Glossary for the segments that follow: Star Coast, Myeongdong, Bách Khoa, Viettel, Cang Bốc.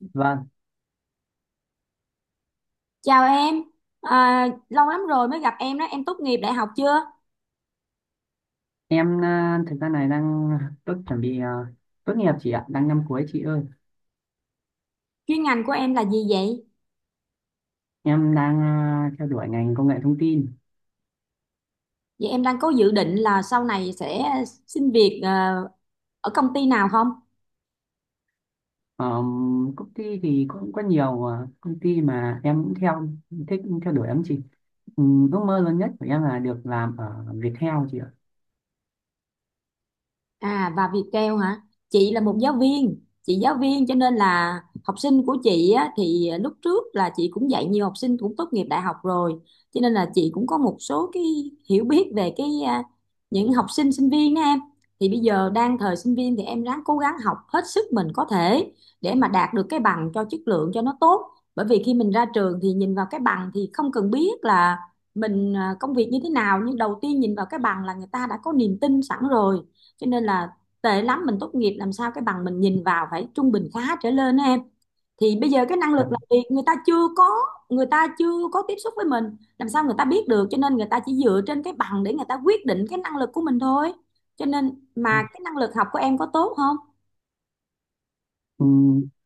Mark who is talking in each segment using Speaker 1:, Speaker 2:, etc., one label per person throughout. Speaker 1: Vâng,
Speaker 2: Chào em, à, lâu lắm rồi mới gặp em đó, em tốt nghiệp đại học chưa?
Speaker 1: em thực ra này đang tốt chuẩn bị à, tốt nghiệp chị ạ, đang năm cuối chị ơi.
Speaker 2: Chuyên ngành của em là gì vậy?
Speaker 1: Em đang theo đuổi ngành công nghệ thông tin.
Speaker 2: Vậy em đang có dự định là sau này sẽ xin việc ở công ty nào không?
Speaker 1: Ờ, công ty thì cũng có nhiều công ty mà em cũng thích theo đuổi lắm chị. Ừ, ước mơ lớn nhất của em là được làm ở Viettel chị ạ.
Speaker 2: À, và Viettel hả? Chị là một giáo viên, chị giáo viên cho nên là học sinh của chị á, thì lúc trước là chị cũng dạy nhiều học sinh cũng tốt nghiệp đại học rồi, cho nên là chị cũng có một số cái hiểu biết về cái những học sinh sinh viên đó em. Thì bây giờ đang thời sinh viên thì em ráng cố gắng học hết sức mình có thể để mà đạt được cái bằng cho chất lượng cho nó tốt. Bởi vì khi mình ra trường thì nhìn vào cái bằng thì không cần biết là mình công việc như thế nào, nhưng đầu tiên nhìn vào cái bằng là người ta đã có niềm tin sẵn rồi. Cho nên là tệ lắm mình tốt nghiệp làm sao cái bằng mình nhìn vào phải trung bình khá trở lên á em. Thì bây giờ cái năng lực
Speaker 1: Dạ.
Speaker 2: làm việc người ta chưa có tiếp xúc với mình, làm sao người ta biết được. Cho nên người ta chỉ dựa trên cái bằng để người ta quyết định cái năng lực của mình thôi. Cho nên mà cái năng lực học của em có tốt không?
Speaker 1: Ừ,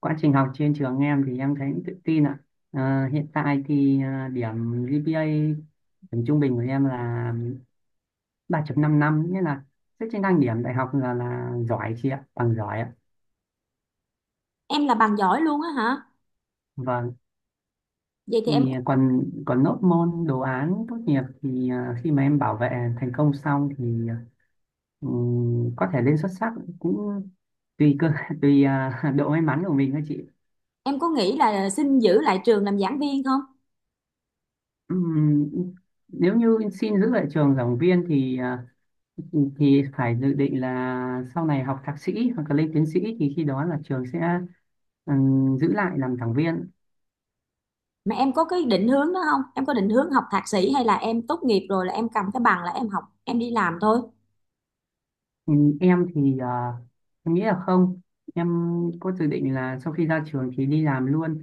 Speaker 1: quá trình học trên trường em thì em thấy cũng tự tin ạ. Hiện tại thì điểm GPA, điểm trung bình của em là 3.55, nghĩa là xét trên thang điểm đại học là giỏi chị ạ, bằng giỏi ạ.
Speaker 2: Em là bằng giỏi luôn á hả?
Speaker 1: Vâng,
Speaker 2: Vậy thì em
Speaker 1: thì còn còn nốt môn đồ án tốt nghiệp thì khi mà em bảo vệ thành công xong thì có thể lên xuất sắc, cũng tùy cơ tùy độ may mắn của mình thôi chị.
Speaker 2: em có nghĩ là xin giữ lại trường làm giảng viên không?
Speaker 1: Ừm, nếu như xin giữ lại trường giảng viên thì thì phải dự định là sau này học thạc sĩ hoặc là lên tiến sĩ, thì khi đó là trường sẽ giữ lại làm giảng viên.
Speaker 2: Mà em có cái định hướng đó không? Em có định hướng học thạc sĩ, hay là em tốt nghiệp rồi là em cầm cái bằng là em học em đi làm thôi?
Speaker 1: Ừ, em thì em nghĩ là không, em có dự định là sau khi ra trường thì đi làm luôn.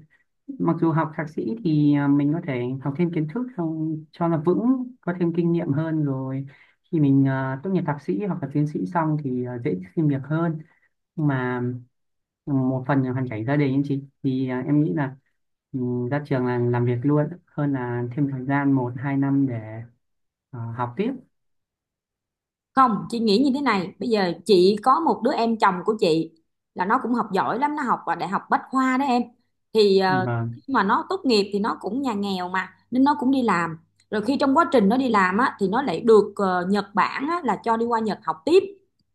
Speaker 1: Mặc dù học thạc sĩ thì mình có thể học thêm kiến thức xong cho nó vững, có thêm kinh nghiệm hơn, rồi khi mình tốt nghiệp thạc sĩ hoặc là tiến sĩ xong thì dễ xin việc hơn. Nhưng mà một phần là hoàn cảnh gia đình ấy chị, thì em nghĩ là ừ, ra trường là làm việc luôn hơn là thêm thời gian một hai năm để học tiếp.
Speaker 2: Không, chị nghĩ như thế này, bây giờ chị có một đứa em chồng của chị là nó cũng học giỏi lắm, nó học ở đại học Bách Khoa đó em. Thì
Speaker 1: Vâng.
Speaker 2: khi mà nó tốt nghiệp thì nó cũng nhà nghèo mà nên nó cũng đi làm. Rồi khi trong quá trình nó đi làm á thì nó lại được Nhật Bản á, là cho đi qua Nhật học tiếp.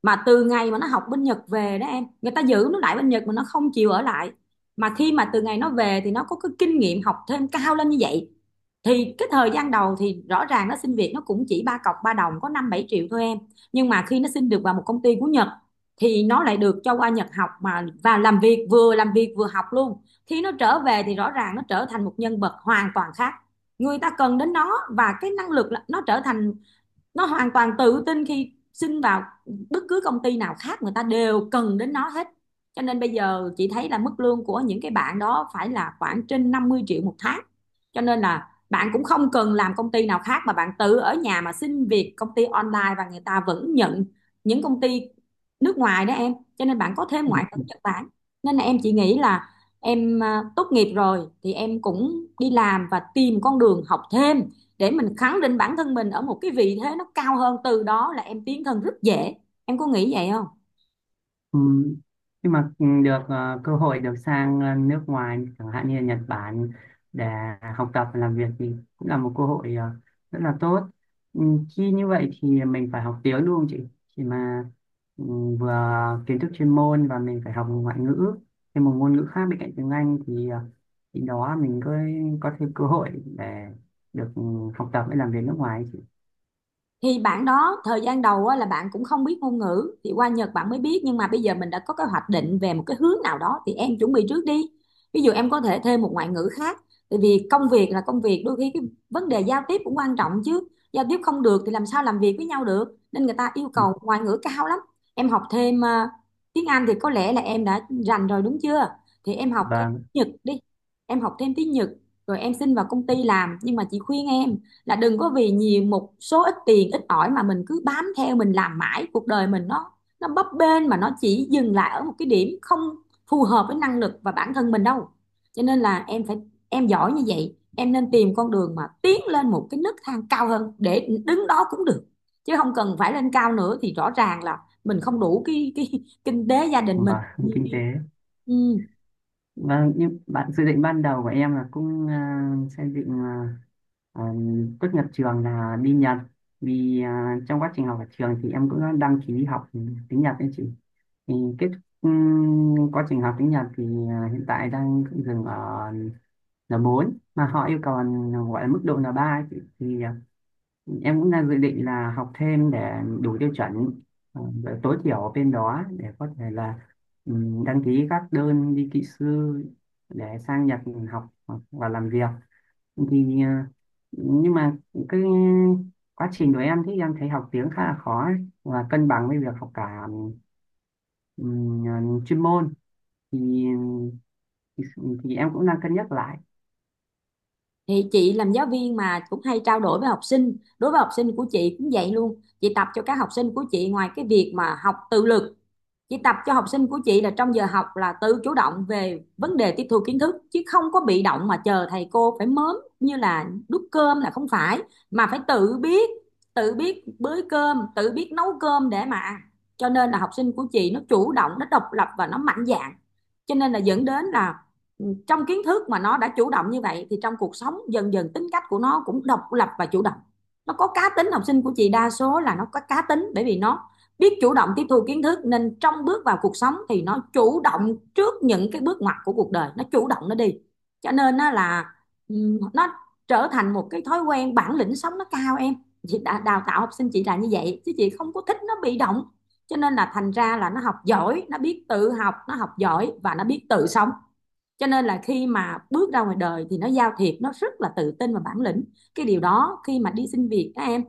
Speaker 2: Mà từ ngày mà nó học bên Nhật về đó em, người ta giữ nó lại bên Nhật mà nó không chịu ở lại. Mà khi mà từ ngày nó về thì nó có cái kinh nghiệm học thêm cao lên như vậy, thì cái thời gian đầu thì rõ ràng nó xin việc nó cũng chỉ ba cọc ba đồng có 5 7 triệu thôi em. Nhưng mà khi nó xin được vào một công ty của Nhật thì nó lại được cho qua Nhật học mà và làm việc, vừa làm việc vừa học luôn. Khi nó trở về thì rõ ràng nó trở thành một nhân vật hoàn toàn khác. Người ta cần đến nó, và cái năng lực nó trở thành nó hoàn toàn tự tin khi xin vào bất cứ công ty nào khác người ta đều cần đến nó hết. Cho nên bây giờ chị thấy là mức lương của những cái bạn đó phải là khoảng trên 50 triệu một tháng. Cho nên là bạn cũng không cần làm công ty nào khác mà bạn tự ở nhà mà xin việc công ty online và người ta vẫn nhận, những công ty nước ngoài đó em, cho nên bạn có thêm ngoại ngữ Nhật Bản. Nên là em chỉ nghĩ là em tốt nghiệp rồi thì em cũng đi làm và tìm con đường học thêm để mình khẳng định bản thân mình ở một cái vị thế nó cao hơn, từ đó là em tiến thân rất dễ. Em có nghĩ vậy không?
Speaker 1: Ừ. Nhưng mà được cơ hội được sang nước ngoài chẳng hạn như là Nhật Bản để học tập và làm việc thì cũng là một cơ hội rất là tốt. Ừ, Khi như vậy thì mình phải học tiếng đúng không chị? Khi mà ừ, vừa kiến thức chuyên môn và mình phải học một ngoại ngữ, thêm một ngôn ngữ khác bên cạnh tiếng Anh thì thì đó mình có thêm cơ hội để được học tập và làm việc nước ngoài ấy chị.
Speaker 2: Thì bạn đó thời gian đầu á, là bạn cũng không biết ngôn ngữ thì qua Nhật bạn mới biết, nhưng mà bây giờ mình đã có cái hoạch định về một cái hướng nào đó thì em chuẩn bị trước đi. Ví dụ em có thể thêm một ngoại ngữ khác, tại vì công việc là công việc, đôi khi cái vấn đề giao tiếp cũng quan trọng chứ. Giao tiếp không được thì làm sao làm việc với nhau được. Nên người ta yêu cầu ngoại ngữ cao lắm. Em học thêm tiếng Anh thì có lẽ là em đã rành rồi đúng chưa? Thì em học thêm
Speaker 1: Vâng
Speaker 2: tiếng Nhật đi. Em học thêm tiếng Nhật rồi em xin vào công ty làm, nhưng mà chị khuyên em là đừng có vì nhiều một số ít tiền ít ỏi mà mình cứ bám theo mình làm mãi, cuộc đời mình nó bấp bênh mà nó chỉ dừng lại ở một cái điểm không phù hợp với năng lực và bản thân mình đâu. Cho nên là em phải em giỏi như vậy em nên tìm con đường mà tiến lên một cái nấc thang cao hơn để đứng đó cũng được, chứ không cần phải lên cao nữa, thì rõ ràng là mình không đủ cái kinh tế gia đình mình.
Speaker 1: và kinh tế.
Speaker 2: Ừ.
Speaker 1: Vâng, nhưng bạn dự định ban đầu của em là cũng xây dựng à, tốt nghiệp trường là đi Nhật, vì trong quá trình học ở trường thì em cũng đã đăng ký học tiếng Nhật đấy chị. Thì kết quá trình học tiếng Nhật thì hiện tại đang dừng ở N4, mà họ yêu cầu là gọi là mức độ N3 ấy chị, thì em cũng đang dự định là học thêm để đủ tiêu chuẩn và tối thiểu ở bên đó để có thể là đăng ký các đơn đi kỹ sư để sang Nhật học hoặc- và làm việc. Thì nhưng mà cái quá trình của em thì em thấy học tiếng khá là khó ấy, và cân bằng với việc học cả ừm, chuyên môn thì thì, em cũng đang cân nhắc lại.
Speaker 2: Thì chị làm giáo viên mà cũng hay trao đổi với học sinh, đối với học sinh của chị cũng vậy luôn. Chị tập cho các học sinh của chị, ngoài cái việc mà học tự lực, chị tập cho học sinh của chị là trong giờ học là tự chủ động về vấn đề tiếp thu kiến thức chứ không có bị động mà chờ thầy cô phải mớm như là đút cơm là không phải, mà phải tự biết, bới cơm tự biết nấu cơm để mà ăn. Cho nên là học sinh của chị nó chủ động, nó độc lập và nó mạnh dạn. Cho nên là dẫn đến là trong kiến thức mà nó đã chủ động như vậy thì trong cuộc sống dần dần tính cách của nó cũng độc lập và chủ động, nó có cá tính. Học sinh của chị đa số là nó có cá tính bởi vì nó biết chủ động tiếp thu kiến thức, nên trong bước vào cuộc sống thì nó chủ động trước những cái bước ngoặt của cuộc đời, nó chủ động nó đi. Cho nên nó trở thành một cái thói quen, bản lĩnh sống nó cao em. Chị đào tạo học sinh chị là như vậy, chứ chị không có thích nó bị động. Cho nên là thành ra là nó học giỏi, nó biết tự học, nó học giỏi và nó biết tự sống. Cho nên là khi mà bước ra ngoài đời thì nó giao thiệp nó rất là tự tin và bản lĩnh. Cái điều đó khi mà đi xin việc các em,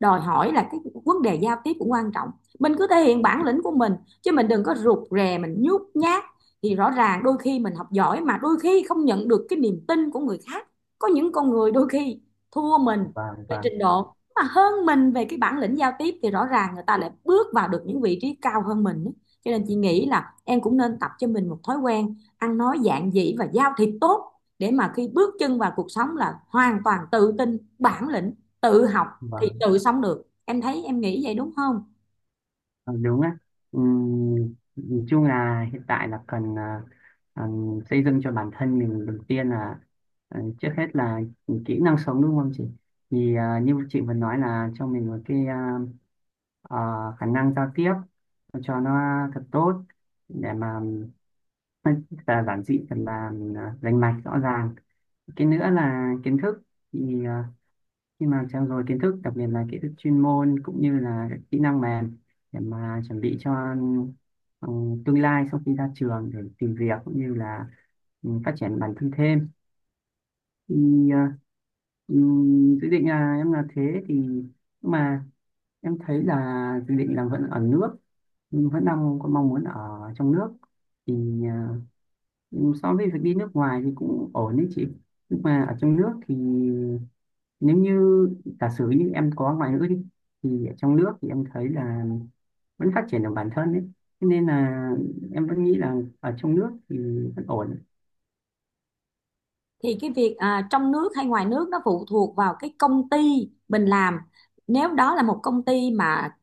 Speaker 2: đòi hỏi là cái vấn đề giao tiếp cũng quan trọng. Mình cứ thể hiện bản lĩnh của mình, chứ mình đừng có rụt rè mình nhút nhát, thì rõ ràng đôi khi mình học giỏi mà đôi khi không nhận được cái niềm tin của người khác. Có những con người đôi khi thua mình về
Speaker 1: Và
Speaker 2: trình độ mà hơn mình về cái bản lĩnh giao tiếp thì rõ ràng người ta lại bước vào được những vị trí cao hơn mình. Cho nên chị nghĩ là em cũng nên tập cho mình một thói quen ăn nói giản dị và giao thiệp tốt, để mà khi bước chân vào cuộc sống là hoàn toàn tự tin bản lĩnh, tự học
Speaker 1: và
Speaker 2: thì tự sống được. Em thấy em nghĩ vậy đúng không?
Speaker 1: Ờ, đúng á. Ừm, nhìn chung là hiện tại là cần à, xây dựng cho bản thân mình, đầu tiên là trước hết là kỹ năng sống đúng không chị, thì như chị vừa nói là cho mình một cái ờ, khả năng giao tiếp cho nó thật tốt, để mà thật là giản dị, thật là rành mạch rõ ràng. Cái nữa là kiến thức, thì khi mà trau dồi kiến thức, đặc biệt là kiến thức chuyên môn cũng như là các kỹ năng mềm, để mà chuẩn bị cho ừ, tương lai sau khi ra trường để tìm việc cũng như là phát triển bản thân thêm. Thì ờ, ừ, dự định là em là thế, thì nhưng mà em thấy là dự định là vẫn ở nước, nhưng vẫn đang có mong muốn ở trong nước, thì ờ, so với việc đi nước ngoài thì cũng ổn đấy chị, nhưng mà ở trong nước thì nếu như giả sử như em có ngoại ngữ đi thì ở trong nước thì em thấy là vẫn phát triển được bản thân đấy. Thế nên là em vẫn nghĩ là ở trong nước thì vẫn ổn.
Speaker 2: Thì cái việc trong nước hay ngoài nước nó phụ thuộc vào cái công ty mình làm. Nếu đó là một công ty mà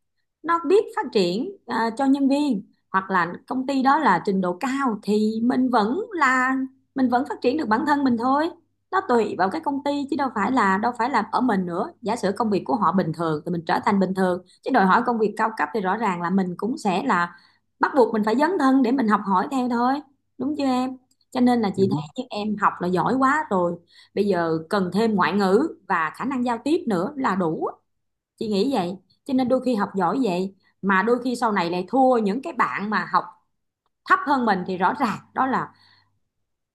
Speaker 2: nó biết phát triển cho nhân viên, hoặc là công ty đó là trình độ cao, thì mình vẫn phát triển được bản thân mình thôi. Nó tùy vào cái công ty chứ đâu phải là ở mình nữa. Giả sử công việc của họ bình thường thì mình trở thành bình thường, chứ đòi hỏi công việc cao cấp thì rõ ràng là mình cũng sẽ là bắt buộc mình phải dấn thân để mình học hỏi theo thôi, đúng chưa em? Cho nên là
Speaker 1: Đúng không?
Speaker 2: nhưng em học là giỏi quá rồi, bây giờ cần thêm ngoại ngữ và khả năng giao tiếp nữa là đủ. Chị nghĩ vậy. Cho nên đôi khi học giỏi vậy mà đôi khi sau này lại thua những cái bạn mà học thấp hơn mình, thì rõ ràng đó là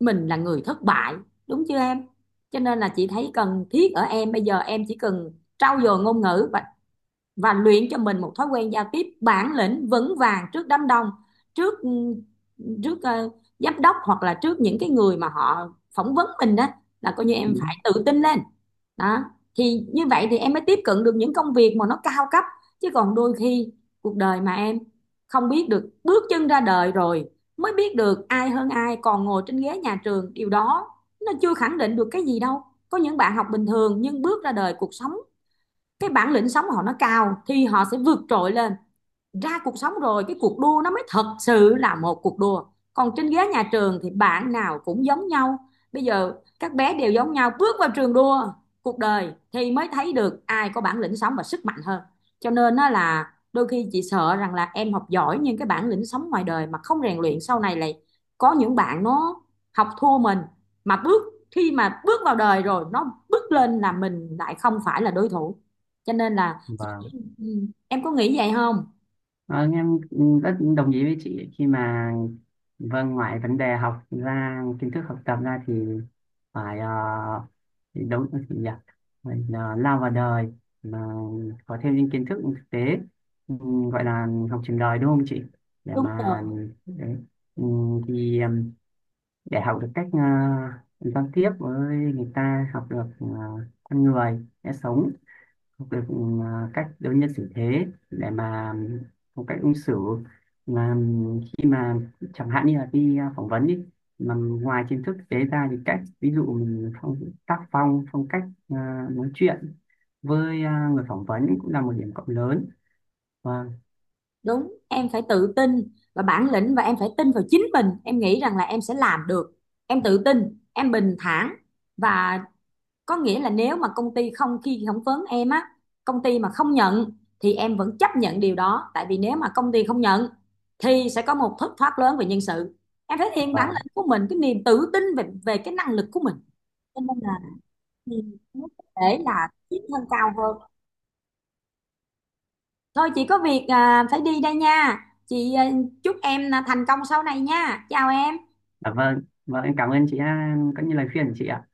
Speaker 2: mình là người thất bại, đúng chưa em? Cho nên là chị thấy cần thiết ở em bây giờ, em chỉ cần trau dồi ngôn ngữ và luyện cho mình một thói quen giao tiếp bản lĩnh vững vàng trước đám đông, trước trước giám đốc hoặc là trước những cái người mà họ phỏng vấn mình đó, là coi như em
Speaker 1: Đúng.
Speaker 2: phải tự tin lên đó. Thì như vậy thì em mới tiếp cận được những công việc mà nó cao cấp, chứ còn đôi khi cuộc đời mà em không biết được, bước chân ra đời rồi mới biết được ai hơn ai. Còn ngồi trên ghế nhà trường điều đó nó chưa khẳng định được cái gì đâu. Có những bạn học bình thường nhưng bước ra đời cuộc sống, cái bản lĩnh sống của họ nó cao thì họ sẽ vượt trội lên. Ra cuộc sống rồi cái cuộc đua nó mới thật sự là một cuộc đua, còn trên ghế nhà trường thì bạn nào cũng giống nhau. Bây giờ các bé đều giống nhau, bước vào trường đua cuộc đời thì mới thấy được ai có bản lĩnh sống và sức mạnh hơn. Cho nên nó là đôi khi chị sợ rằng là em học giỏi nhưng cái bản lĩnh sống ngoài đời mà không rèn luyện, sau này lại có những bạn nó học thua mình, mà bước khi mà bước vào đời rồi nó bước lên là mình lại không phải là đối thủ. Cho nên là
Speaker 1: Và
Speaker 2: ừ, em có nghĩ vậy không?
Speaker 1: vâng, em rất đồng ý với chị khi mà vâng, ngoài vấn đề học ra, kiến thức học tập ra thì phải thì đúng là gì nhỉ, mình lao vào đời mà có thêm những kiến thức thực tế, gọi là học trường đời đúng không chị, để
Speaker 2: Đúng
Speaker 1: mà
Speaker 2: rồi,
Speaker 1: đấy. Thì để học được cách giao tiếp với người ta, học được con người sẽ sống, học được cách đối nhân xử thế, để mà một cách ứng xử, mà khi mà chẳng hạn như là đi phỏng vấn đi, mà ngoài kiến thức tế ra thì cách ví dụ mình tác phong, phong cách nói chuyện với người phỏng vấn cũng là một điểm cộng lớn. Vâng,
Speaker 2: đúng. Em phải tự tin và bản lĩnh, và em phải tin vào chính mình. Em nghĩ rằng là em sẽ làm được. Em tự tin, em bình thản, và có nghĩa là nếu mà công ty không khi phỏng vấn em á, công ty mà không nhận thì em vẫn chấp nhận điều đó. Tại vì nếu mà công ty không nhận thì sẽ có một thất thoát lớn về nhân sự. Em thể hiện bản
Speaker 1: vâng
Speaker 2: lĩnh của mình, cái niềm tự tin về về cái năng lực của mình. Cho nên là, thì nó có thể là tiến thân cao hơn. Thôi chị có việc phải đi đây nha. Chị chúc em là thành công sau này nha. Chào em.
Speaker 1: vâng, vâng, em cảm ơn chị có những lời khuyên của chị ạ.